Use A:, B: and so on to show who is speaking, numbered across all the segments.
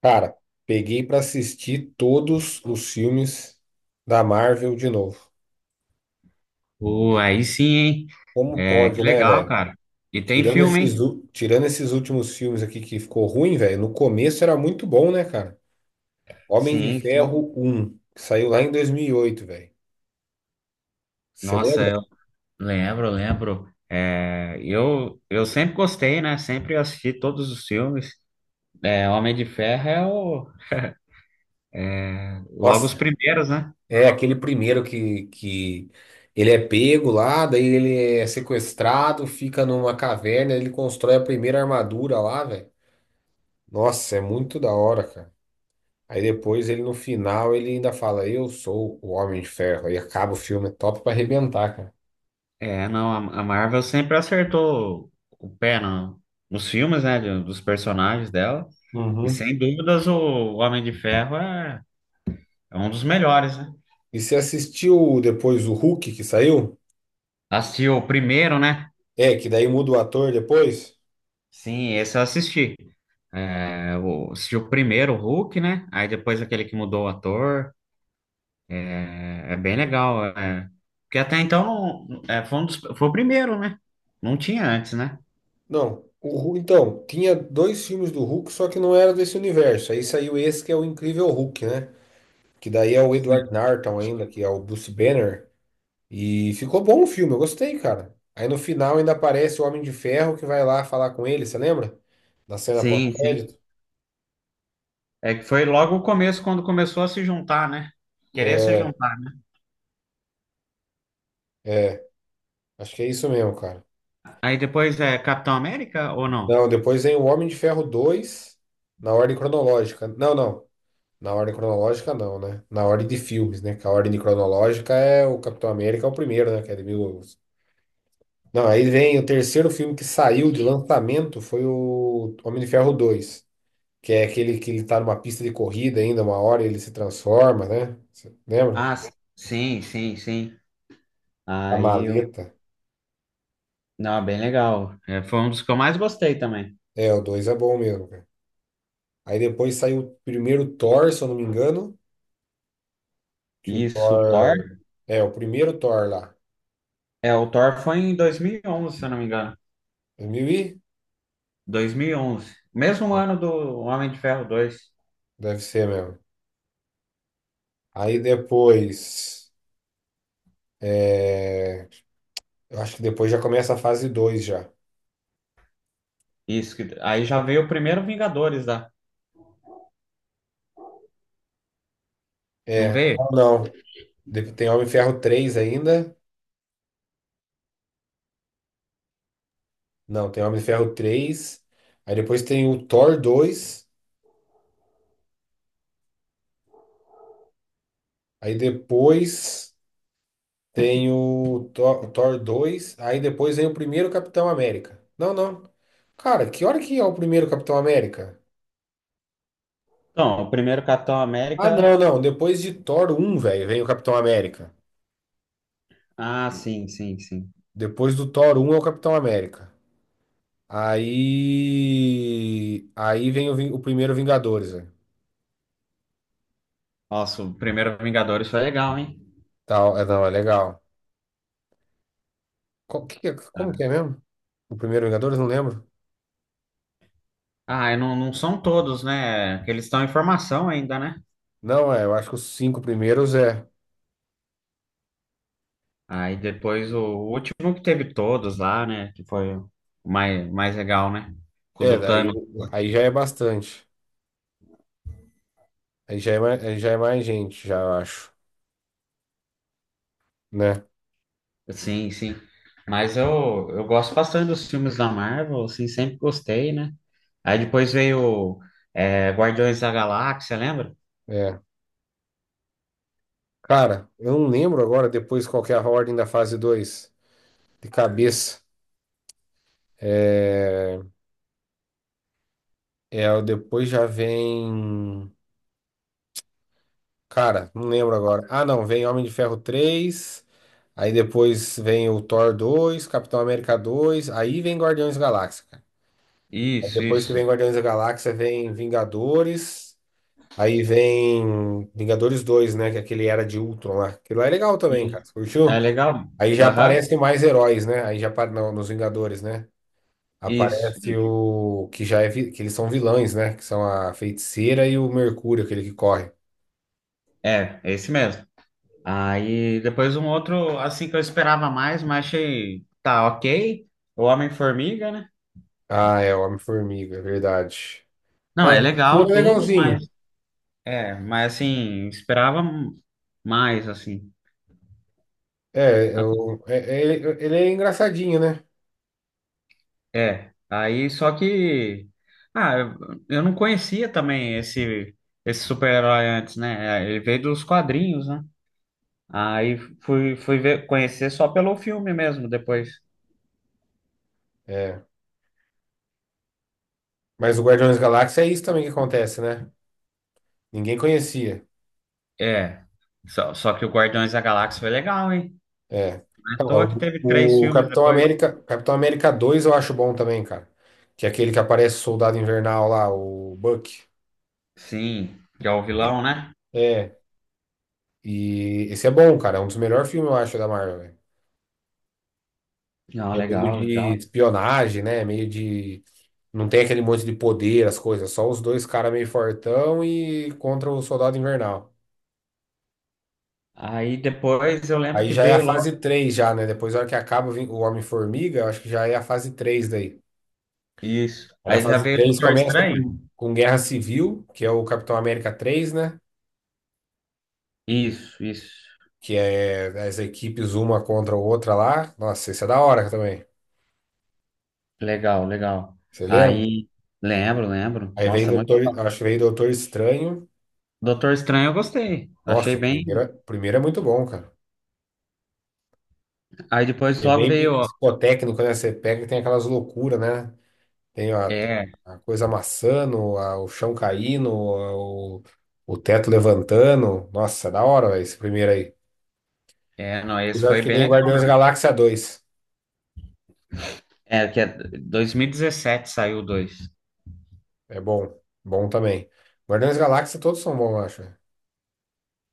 A: Cara, peguei pra assistir todos os filmes da Marvel de novo.
B: Pô, aí sim, hein?
A: Como
B: É, que
A: pode, né,
B: legal,
A: velho?
B: cara. E tem
A: Tirando
B: filme,
A: esses,
B: hein?
A: u- tirando esses últimos filmes aqui que ficou ruim, velho. No começo era muito bom, né, cara? Homem de
B: Sim, sim.
A: Ferro um, que saiu lá em 2008, velho. Você
B: Nossa, eu
A: lembra?
B: lembro, lembro. É, eu sempre gostei, né? Sempre assisti todos os filmes. É, Homem de Ferro é o, logo os
A: Nossa,
B: primeiros, né?
A: é aquele primeiro que ele é pego lá, daí ele é sequestrado, fica numa caverna, ele constrói a primeira armadura lá, velho. Nossa, é muito da hora, cara. Aí depois ele no final ele ainda fala, eu sou o Homem de Ferro. Aí acaba o filme, é top pra arrebentar, cara.
B: É, não, a Marvel sempre acertou o pé no, nos filmes, né? Dos personagens dela. E
A: Uhum.
B: sem dúvidas o Homem de Ferro é, é um dos melhores, né?
A: E você assistiu depois o Hulk que saiu?
B: Assisti o primeiro, né?
A: É, que daí muda o ator depois?
B: Sim, esse eu assisti. É, o, assistiu o primeiro, o Hulk, né? Aí depois aquele que mudou o ator. É, é bem legal. É. Porque até então é, foi, foi o primeiro, né? Não tinha antes, né?
A: Não. O Hulk, então, tinha dois filmes do Hulk, só que não era desse universo. Aí saiu esse que é o Incrível Hulk, né? Que daí é o
B: Sim.
A: Edward Norton ainda, que é o Bruce Banner. E ficou bom o filme, eu gostei, cara. Aí no final ainda aparece o Homem de Ferro que vai lá falar com ele, você lembra? Da cena
B: Sim, sim.
A: pós-crédito.
B: É que foi logo o começo, quando começou a se juntar, né? Querer se
A: É.
B: juntar, né?
A: É, acho que é isso mesmo, cara.
B: Aí depois é Capitão América ou não?
A: Não, depois vem o Homem de Ferro 2 na ordem cronológica. Não, não. Na ordem cronológica, não, né? Na ordem de filmes, né? Que a ordem cronológica é o Capitão América, é o primeiro, né? Que é de mil... Não, aí vem o terceiro filme que saiu de lançamento foi o Homem de Ferro 2, que é aquele que ele tá numa pista de corrida ainda, uma hora ele se transforma, né? Cê lembra?
B: Ah, s- sim, sim, sim.
A: A
B: Aí eu.
A: maleta.
B: Não, é bem legal. É, foi um dos que eu mais gostei também.
A: É, o 2 é bom mesmo, cara. Aí depois saiu o primeiro Thor, se eu não me engano. Que o
B: Isso, o Thor.
A: Thor. É, o primeiro Thor lá.
B: É, o Thor foi em 2011 se eu não me engano.
A: 2000 e?
B: 2011. Mesmo ano do Homem de Ferro 2.
A: Deve ser mesmo. Aí depois. é, Eu acho que depois já começa a fase 2 já.
B: Isso, aí já veio o primeiro Vingadores lá. Não
A: É.
B: veio?
A: Ou não. Tem Homem de Ferro 3 ainda. Não, tem Homem de Ferro três. Aí depois tem o Thor dois. Aí depois tem o Thor 2. Aí depois vem o primeiro Capitão América. Não, não. Cara, que hora que é o primeiro Capitão América?
B: Então, o primeiro Capitão
A: Ah,
B: América.
A: não, não. Depois de Thor um, velho, vem o Capitão América.
B: Ah, sim, sim, sim.
A: Depois do Thor um, é o Capitão América. Aí. Aí vem o, o primeiro Vingadores, velho.
B: Nossa, o primeiro Vingadores foi legal, hein?
A: Tal, é, não, é legal. Que como que é mesmo? O primeiro Vingadores? Não lembro.
B: Ah, e não, não são todos, né? Que eles estão em formação ainda, né?
A: Não, é, eu acho que os cinco primeiros é.
B: Aí depois o último que teve todos lá, né? Que foi o mais, mais legal, né? Com o
A: É,
B: do
A: daí
B: Thanos.
A: aí já é bastante. Aí já é mais, aí já é mais gente, já eu acho, né?
B: Sim, sim. Mas eu gosto bastante dos filmes da Marvel, assim, sempre gostei, né? Aí depois veio é, Guardiões da Galáxia, lembra?
A: É. Cara, eu não lembro agora depois qual que é a ordem da fase 2 de cabeça. É. É, o depois já vem. Cara, não lembro agora. Ah, não, vem Homem de Ferro três. Aí depois vem o Thor dois, Capitão América dois. Aí vem Guardiões da Galáxia, cara. Aí
B: Isso,
A: depois que
B: isso.
A: vem Guardiões da Galáxia, vem Vingadores. Aí vem Vingadores dois, né? Que é aquele Era de Ultron lá. Aquilo lá é legal também, cara.
B: Isso.
A: Você
B: É
A: curtiu?
B: legal.
A: Aí já
B: Aham.
A: aparecem mais heróis, né? Aí já não, nos Vingadores, né?
B: Isso,
A: Aparece
B: isso.
A: o que já é que eles são vilões, né? Que são a Feiticeira e o Mercúrio, aquele que corre.
B: É, é esse mesmo. Aí depois um outro, assim, que eu esperava mais, mas achei, tá, ok. O Homem-Formiga, né?
A: Ah, é, o Homem-Formiga, é verdade.
B: Não, é
A: Não,
B: legal
A: ele é
B: tudo, mas,
A: legalzinho.
B: é, mas assim, esperava mais, assim.
A: É, eu, ele é engraçadinho, né?
B: É, aí só que ah, eu não conhecia também esse super-herói antes, né? É, ele veio dos quadrinhos, né? Aí fui ver, conhecer só pelo filme mesmo depois.
A: É. Mas o Guardiões da Galáxia é isso também que acontece, né? Ninguém conhecia.
B: É. Só que o Guardiões da Galáxia foi legal, hein?
A: É.
B: Não é à
A: Cara,
B: toa que teve três
A: o
B: filmes
A: Capitão
B: depois.
A: América, Capitão América 2, eu acho bom também, cara. Que é aquele que aparece o Soldado Invernal lá, o Buck.
B: Sim, que é o vilão, né?
A: É. E esse é bom, cara. É um dos melhores filmes, eu acho, da Marvel, velho.
B: Não,
A: É meio
B: legal,
A: de
B: legal.
A: espionagem, né? Meio de. Não tem aquele monte de poder, as coisas. Só os dois caras meio fortão e contra o Soldado Invernal.
B: Aí depois eu lembro
A: Aí
B: que
A: já é a
B: veio logo.
A: fase 3 já, né? Depois, na hora que acaba vem o Homem-Formiga, eu acho que já é a fase três daí.
B: Isso.
A: Aí na
B: Aí já
A: fase
B: veio o
A: 3
B: Doutor
A: começa
B: Estranho.
A: com Guerra Civil, que é o Capitão América três, né?
B: Isso, isso.
A: Que é as equipes uma contra a outra lá. Nossa, isso é da hora também.
B: Legal, legal.
A: Você lembra?
B: Aí, lembro, lembro.
A: Aí vem
B: Nossa, muito
A: Doutor,
B: bom.
A: acho que vem Doutor Estranho.
B: Doutor Estranho eu gostei. Achei
A: Nossa,
B: bem.
A: o primeiro é muito bom, cara.
B: Aí depois
A: É
B: logo veio.
A: bem
B: Ó,
A: psicotécnico, né? Você pega e tem aquelas loucuras, né? Tem a,
B: é,
A: a coisa amassando, o chão caindo, o teto levantando. Nossa, é da hora, velho, esse primeiro aí.
B: é, não, esse
A: Mas acho
B: foi
A: que
B: bem
A: nem
B: legal.
A: Guardiões da Galáxia dois.
B: É, que é 2017 saiu o dois.
A: É bom. Bom também. Guardiões da Galáxia todos são bons, eu acho.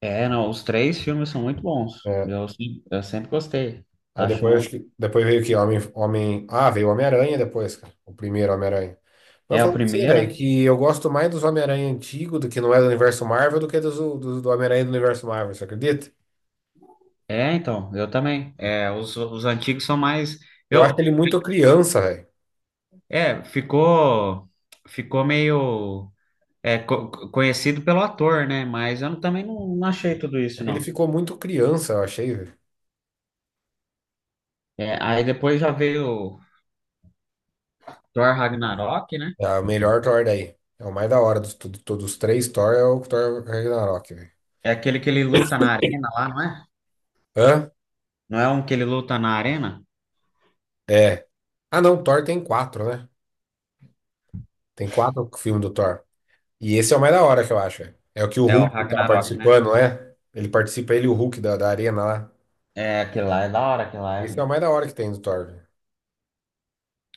B: É, não, os três filmes são muito bons.
A: É.
B: Eu, se- eu sempre gostei.
A: Aí
B: Acho
A: depois acho
B: muito.
A: que. Depois veio o quê? Homem... Ah, veio o Homem-Aranha depois, cara. O primeiro Homem-Aranha. Mas
B: É
A: eu
B: o
A: falo pra você,
B: primeiro.
A: velho, que eu gosto mais dos Homem-Aranha antigos, do que não é do universo Marvel, do que dos, do, do Homem-Aranha do universo Marvel, você acredita?
B: É, então, eu também. É, os antigos são mais.
A: Eu acho
B: Eu,
A: ele muito criança, velho.
B: é, ficou, ficou meio conhecido pelo ator, né? Mas eu não- também não, não achei tudo isso,
A: Ele
B: não.
A: ficou muito criança, eu achei.
B: É, aí depois já veio Thor Ragnarok, né?
A: É a melhor Thor daí. É o mais da hora dos, todos os três Thor é o Thor Ragnarok, velho.
B: É aquele que ele luta na arena lá, não é?
A: Hã?
B: Não é um que ele luta na arena?
A: É. Ah, não, Thor tem quatro, né? Tem quatro filmes do Thor. E esse é o mais da hora que eu acho, velho. É o que o
B: É o
A: Hulk tá
B: Ragnarok, né?
A: participando, né? Ele participa, ele e o Hulk da arena lá.
B: É, aquele lá é da hora, aquele lá é...
A: Esse é o mais da hora que tem do Thor, velho.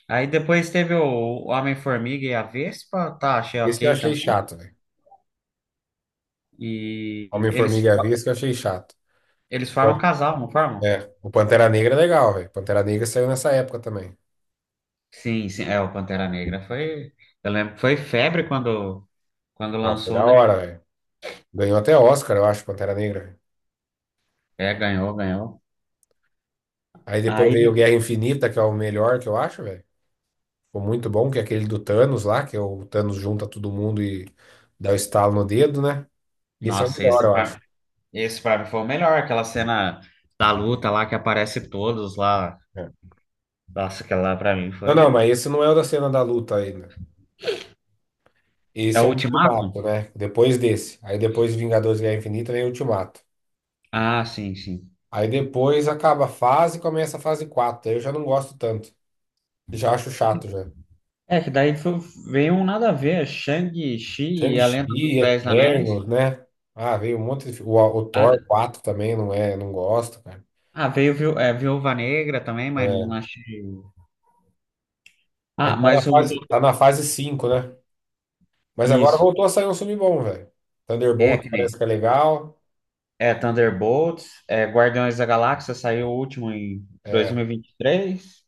B: Aí depois teve o Homem-Formiga e a Vespa, tá, achei
A: Esse eu
B: ok
A: achei
B: também.
A: chato, velho.
B: E
A: Homem-Formiga
B: eles,
A: e a Vespa eu achei chato.
B: eles
A: Pan-
B: formam um casal, não formam?
A: É, o Pantera Negra é legal, velho. Pantera Negra saiu nessa época também.
B: Sim, sim, é, o Pantera Negra foi... Eu lembro que foi febre quando, quando
A: Não, foi
B: lançou,
A: da
B: né?
A: hora, velho. Ganhou até Oscar, eu acho, Pantera Negra, velho.
B: É, ganhou, ganhou.
A: Aí depois veio
B: Aí
A: Guerra Infinita, que é o melhor que eu acho, velho. Ficou muito bom, que é aquele do Thanos lá, que é o Thanos junta todo mundo e dá o estalo no dedo, né? Esse é o
B: nossa,
A: melhor, eu acho.
B: esse pra mim foi o melhor, aquela cena da luta lá que aparece todos lá.
A: É.
B: Nossa, aquela lá pra mim
A: Não, não,
B: foi.
A: mas esse não é o da cena da luta ainda.
B: É
A: Esse
B: o
A: é o
B: Ultimato?
A: Ultimato, né? Depois desse. Aí depois Vingadores Guerra Infinita vem o Ultimato.
B: Ah, sim, sim.
A: Aí depois acaba a fase e começa a fase quatro. Aí eu já não gosto tanto. Já acho chato já.
B: É, que daí foi, veio um nada a ver, Shang-Chi e a Lenda
A: Shang-Chi,
B: dos Dez Anéis.
A: Eternos, né? Ah, veio um monte de. O
B: Ah, d-
A: Thor 4 também não é, não gosto, cara.
B: ah, veio é, Viúva Negra também, mas não
A: É.
B: achei. Ah,
A: Aí
B: mas o.
A: tá na fase 5, né? Mas agora
B: Isso.
A: voltou a sair um filme bom, velho.
B: É,
A: Thunderbolt
B: que
A: parece
B: nem.
A: que é legal.
B: É, Thunderbolts, é, Guardiões da Galáxia saiu o último em dois
A: É,
B: mil e vinte e três.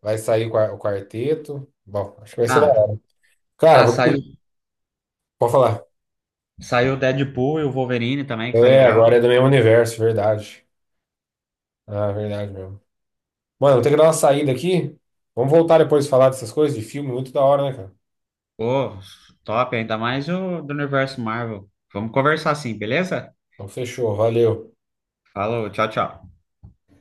A: vai sair o o quarteto. Bom, acho que vai ser da
B: Ah, tá.
A: hora. Cara,
B: Ah,
A: vou
B: saiu.
A: ter que... Pode falar.
B: Saiu o Deadpool e o Wolverine também, que foi
A: É,
B: legal.
A: agora é do mesmo universo, verdade. Ah, verdade mesmo. Mano, vou ter que dar uma saída aqui. Vamos voltar depois a falar dessas coisas de filme, muito da hora, né, cara?
B: Pô, top, ainda mais o do universo Marvel. Vamos conversar assim, beleza?
A: Então fechou, valeu.
B: Falou, tchau, tchau.